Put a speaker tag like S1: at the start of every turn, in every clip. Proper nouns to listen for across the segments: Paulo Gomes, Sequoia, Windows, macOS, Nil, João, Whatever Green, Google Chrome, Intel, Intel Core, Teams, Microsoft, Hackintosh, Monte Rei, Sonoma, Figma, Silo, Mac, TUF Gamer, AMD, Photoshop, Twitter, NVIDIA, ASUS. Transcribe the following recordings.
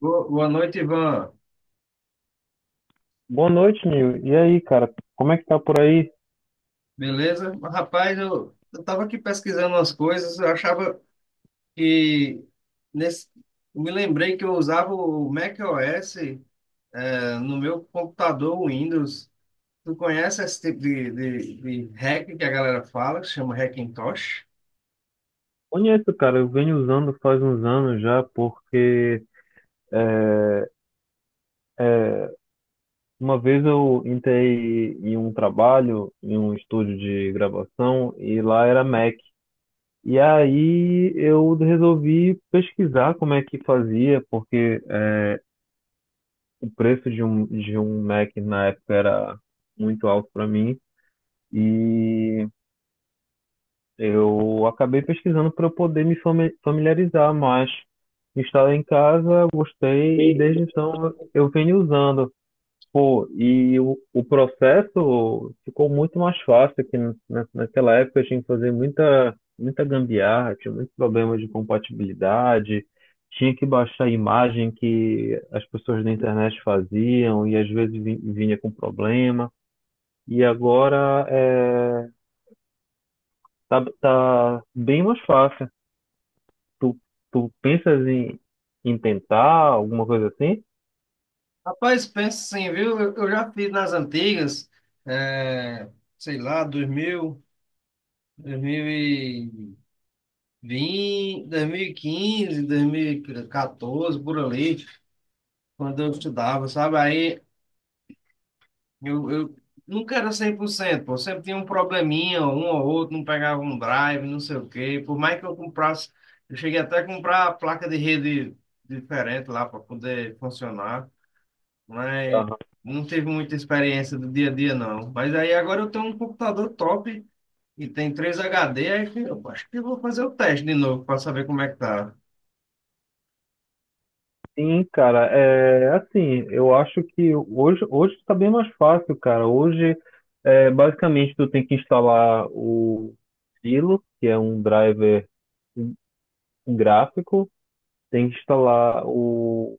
S1: Boa noite, Ivan.
S2: Boa noite, Nil. E aí, cara? Como é que tá por aí?
S1: Beleza? Rapaz, eu tava aqui pesquisando umas coisas, eu achava que nesse, eu me lembrei que eu usava o macOS no meu computador Windows. Tu conhece esse tipo de hack que a galera fala, que chama Hackintosh?
S2: Conheço, cara. Eu venho usando faz uns anos já, porque uma vez eu entrei em um trabalho, em um estúdio de gravação, e lá era Mac. E aí eu resolvi pesquisar como é que fazia, o preço de um Mac na época era muito alto para mim. E Eu acabei pesquisando para eu poder familiarizar, mas instalei em casa, gostei e
S1: E-
S2: desde então eu venho usando. Pô, e o processo ficou muito mais fácil que naquela época eu tinha que fazer muita gambiarra, tinha muitos problemas de compatibilidade, tinha que baixar a imagem que as pessoas da internet faziam e às vezes vinha com problema. E agora é, tá bem mais fácil. Tu, tu pensas em tentar alguma coisa assim?
S1: Rapaz, pensa assim, viu? Eu já fiz nas antigas, eh, sei lá, dois mil e quinze, dois mil e vinte 2000, 2020, 2015, 2014, por ali, quando eu estudava, sabe? Aí eu nunca era 100%, pô. Sempre tinha um probleminha, um ou outro, não pegava um drive, não sei o quê. Por mais que eu comprasse, eu cheguei até a comprar a placa de rede diferente lá para poder funcionar, mas
S2: Aham.
S1: não teve muita experiência do dia a dia, não. Mas aí agora eu tenho um computador top e tem 3 HD, aí que eu acho que eu vou fazer o teste de novo para saber como é que tá.
S2: Sim, cara, é assim, eu acho que hoje tá bem mais fácil, cara. Basicamente, tu tem que instalar o Silo, que é um driver gráfico, tem que instalar o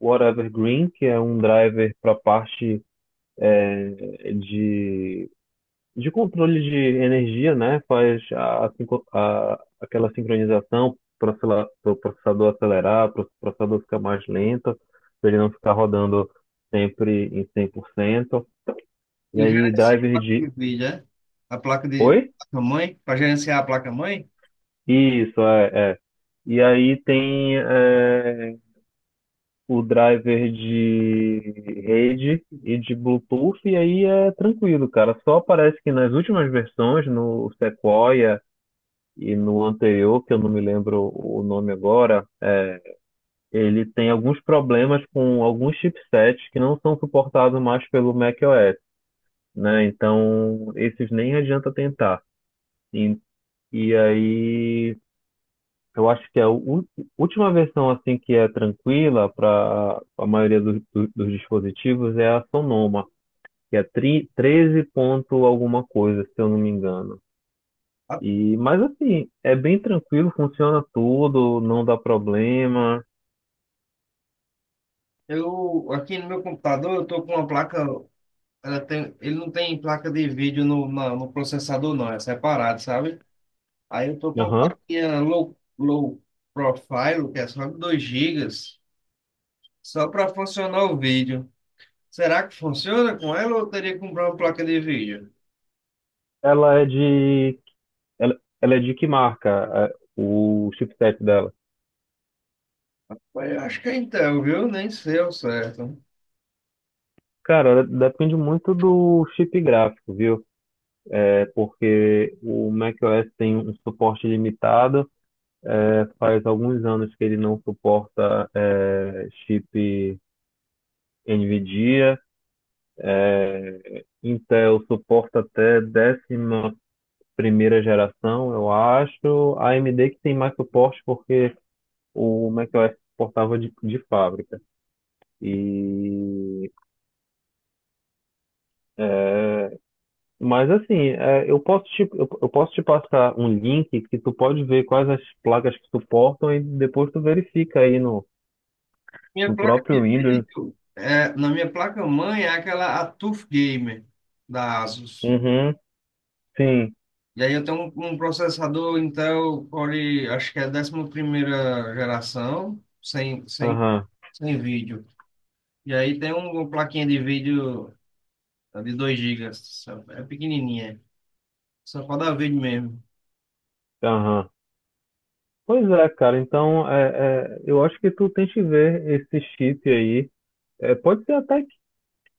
S2: Whatever Green, que é um driver para parte de controle de energia, né? Faz aquela sincronização para o processador acelerar, para o processador ficar mais lento, para ele não ficar rodando sempre em 100%. E
S1: Eu
S2: aí,
S1: gerencio a
S2: driver
S1: placa
S2: de.
S1: de vídeo, né? A placa de
S2: Oi?
S1: placa-mãe, para gerenciar a placa-mãe.
S2: Isso, é, é. E aí tem o driver de rede e de Bluetooth, e aí é tranquilo, cara. Só parece que nas últimas versões, no Sequoia, e no anterior, que eu não me lembro o nome agora, ele tem alguns problemas com alguns chipsets que não são suportados mais pelo macOS, né? Então, esses nem adianta tentar. E, e aí, eu acho que a última versão assim que é tranquila para a maioria dos dispositivos é a Sonoma, que é 13 ponto alguma coisa, se eu não me engano. E, mas assim, é bem tranquilo, funciona tudo, não dá problema.
S1: Eu, aqui no meu computador, eu tô com uma placa, ele não tem placa de vídeo no processador, não, é separado, sabe? Aí eu tô com uma
S2: Aham.
S1: plaquinha low profile, que é só de 2 gigas só para funcionar o vídeo. Será que funciona com ela ou eu teria que comprar uma placa de vídeo?
S2: Ela é de. Ela é de que marca é, o chipset dela?
S1: Mas eu acho que é Intel, viu? Nem sei ao certo.
S2: Cara, ela depende muito do chip gráfico, viu? É porque o macOS tem um suporte limitado. É, faz alguns anos que ele não suporta chip NVIDIA. Intel suporta até décima primeira geração, eu acho. A AMD que tem mais suporte porque o macOS suportava de fábrica. E Mas assim, é, eu posso te passar um link que tu pode ver quais as placas que suportam e depois tu verifica aí no,
S1: Minha
S2: no
S1: placa
S2: próprio
S1: de
S2: Windows.
S1: vídeo, é, na minha placa-mãe é aquela a TUF Gamer da ASUS.
S2: Uhum, sim,
S1: E aí eu tenho um processador Intel Core, acho que é a 11ª geração, sem, sem,
S2: aham,
S1: sem vídeo. E aí tem uma plaquinha de vídeo é de 2 GB, é pequenininha, só para dar vídeo mesmo.
S2: aham. Pois é, cara, então eu acho que tu tem que ver esse chip aí. É, pode ser até que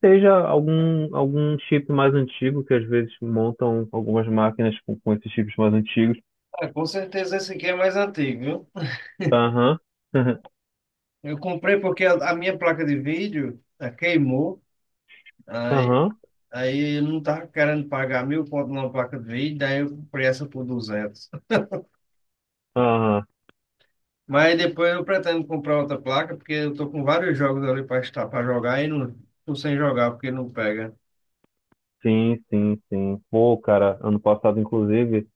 S2: seja algum chip mais antigo, que às vezes montam algumas máquinas com esses chips mais antigos.
S1: Ah, com certeza esse aqui é mais antigo, viu?
S2: Aham,
S1: Eu comprei porque a minha placa de vídeo queimou, aí,
S2: aham,
S1: aí eu não tava querendo pagar mil conto numa placa de vídeo, daí eu comprei essa por 200.
S2: aham.
S1: Mas depois eu pretendo comprar outra placa, porque eu tô com vários jogos ali para estar para jogar e não tô sem jogar porque não pega.
S2: Sim, sim, sim. Pô, cara, ano passado, inclusive,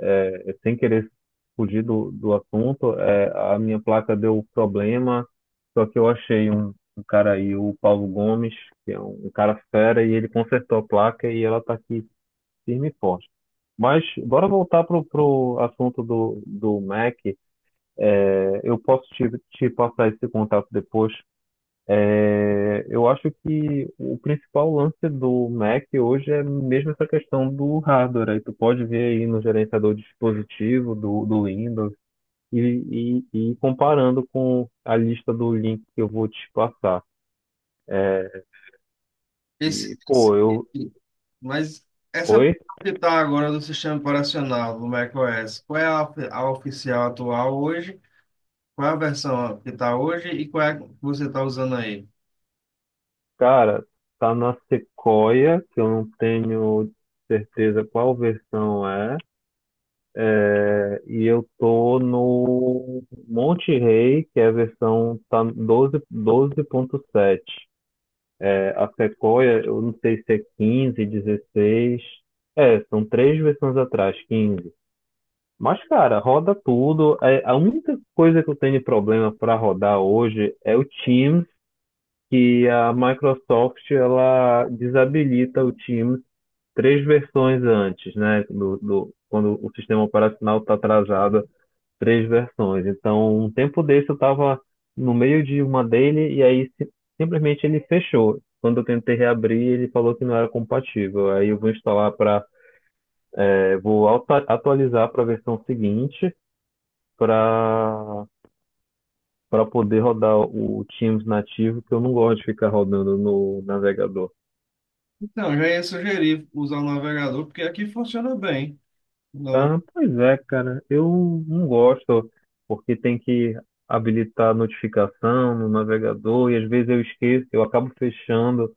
S2: sem querer fugir do assunto, é, a minha placa deu problema, só que eu achei um cara aí, o Paulo Gomes, que é um cara fera, e ele consertou a placa e ela tá aqui firme e forte. Mas bora voltar pro assunto do Mac. É, eu posso te passar esse contato depois, é, eu acho que o principal lance do Mac hoje é mesmo essa questão do hardware. Aí tu pode ver aí no gerenciador de dispositivo do Windows e comparando com a lista do link que eu vou te passar.
S1: Esse,
S2: E,
S1: esse-
S2: pô, eu.
S1: mas essa versão
S2: Oi,
S1: que está agora do sistema operacional do macOS, qual é a oficial atual hoje? Qual é a versão que está hoje e qual é a que você está usando aí?
S2: cara, tá na Sequoia, que eu não tenho certeza qual versão é. E eu tô no Monte Rei, que é a versão tá 12, 12.7. É, a Sequoia, eu não sei se é 15, 16. É, são três versões atrás, 15. Mas, cara, roda tudo. É, a única coisa que eu tenho de problema para rodar hoje é o Teams, que a Microsoft ela desabilita o Teams três versões antes, né? Quando o sistema operacional está atrasado três versões. Então, um tempo desse eu estava no meio de uma dele e aí simplesmente ele fechou. Quando eu tentei reabrir, ele falou que não era compatível. Aí eu vou instalar para, vou atualizar para a versão seguinte para poder rodar o Teams nativo, que eu não gosto de ficar rodando no navegador.
S1: Então, já ia sugerir usar o navegador, porque aqui funciona bem. No...
S2: Ah, pois é, cara, eu não gosto, porque tem que habilitar a notificação no navegador e às vezes eu esqueço, eu acabo fechando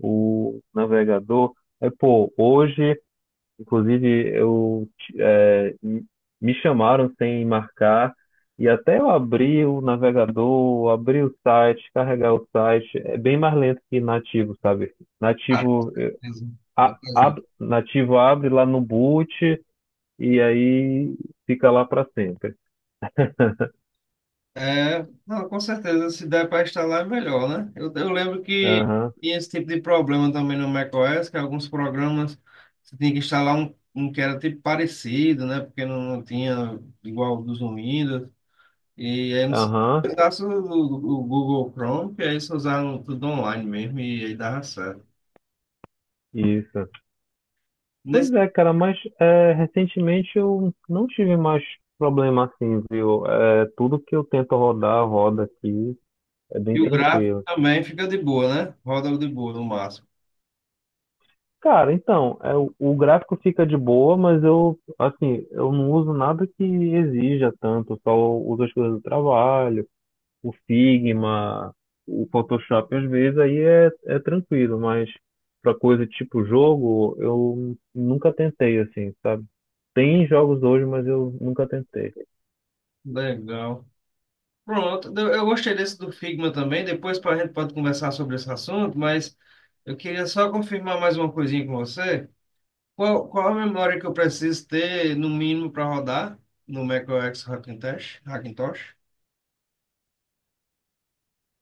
S2: o navegador. É, pô, hoje, inclusive, eu ti- é, m- me chamaram sem marcar, e até eu abrir o navegador, abrir o site, carregar o site, é bem mais lento que nativo, sabe?
S1: Ah,
S2: Nativo, eh, a-
S1: beleza.
S2: ab- nativo abre lá no boot e aí fica lá para sempre.
S1: É, não, com certeza, se der para instalar é melhor, né? Eu lembro que
S2: Aham,
S1: tinha esse tipo de problema também no macOS, que alguns programas você tinha que instalar um que era tipo parecido, né? Porque não tinha igual dos no Windows. E aí eles
S2: aham,
S1: usaram o Google Chrome, que aí eles usaram tudo online mesmo, e aí dava certo.
S2: isso. Pois
S1: Nesse,
S2: é, cara, mas é, recentemente eu não tive mais problema assim, viu? É, tudo que eu tento rodar, roda aqui, é bem
S1: e o gráfico
S2: tranquilo.
S1: também fica de boa, né? Roda de boa no máximo.
S2: Cara, então, é, o gráfico fica de boa, mas eu, assim, eu não uso nada que exija tanto, só uso as coisas do trabalho, o Figma, o Photoshop, às vezes aí é tranquilo, mas pra coisa tipo jogo, eu nunca tentei, assim, sabe? Tem jogos hoje, mas eu nunca tentei.
S1: Legal. Pronto, eu gostei desse do Figma também. Depois a gente pode conversar sobre esse assunto, mas eu queria só confirmar mais uma coisinha com você. Qual a memória que eu preciso ter, no mínimo, para rodar no macOS Hackintosh? Hackintosh?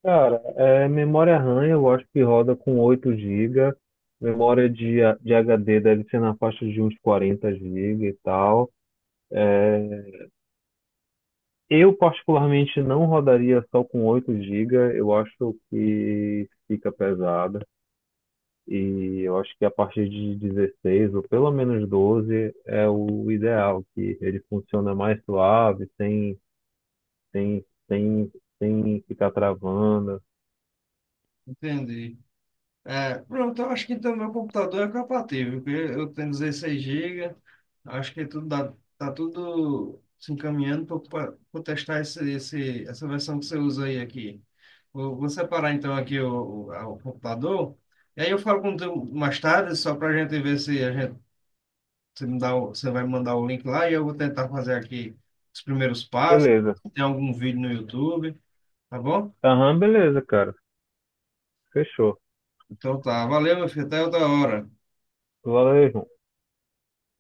S2: Cara, é, memória RAM eu acho que roda com 8 gigas. Memória de, de HD deve ser na faixa de uns 40 gigas e tal. É, eu, particularmente, não rodaria só com 8 gigas. Eu acho que fica pesada. E eu acho que a partir de 16 ou pelo menos 12 é o ideal, que ele funciona mais suave, sem, sem, sem ficar travando.
S1: Entendi. É, pronto, eu acho que então meu computador é compatível, porque eu tenho 16 GB, acho que tudo dá, tá tudo se encaminhando para testar essa versão que você usa aí aqui. Vou separar então aqui o computador, e aí eu falo com tu mais tarde, só para a gente ver se a gente, se me dá, você vai me mandar o link lá e eu vou tentar fazer aqui os primeiros passos,
S2: Beleza.
S1: se tem algum vídeo no YouTube, tá bom?
S2: Aham, beleza, cara. Fechou.
S1: Então tá, valeu, meu filho, até outra hora.
S2: Valeu, João.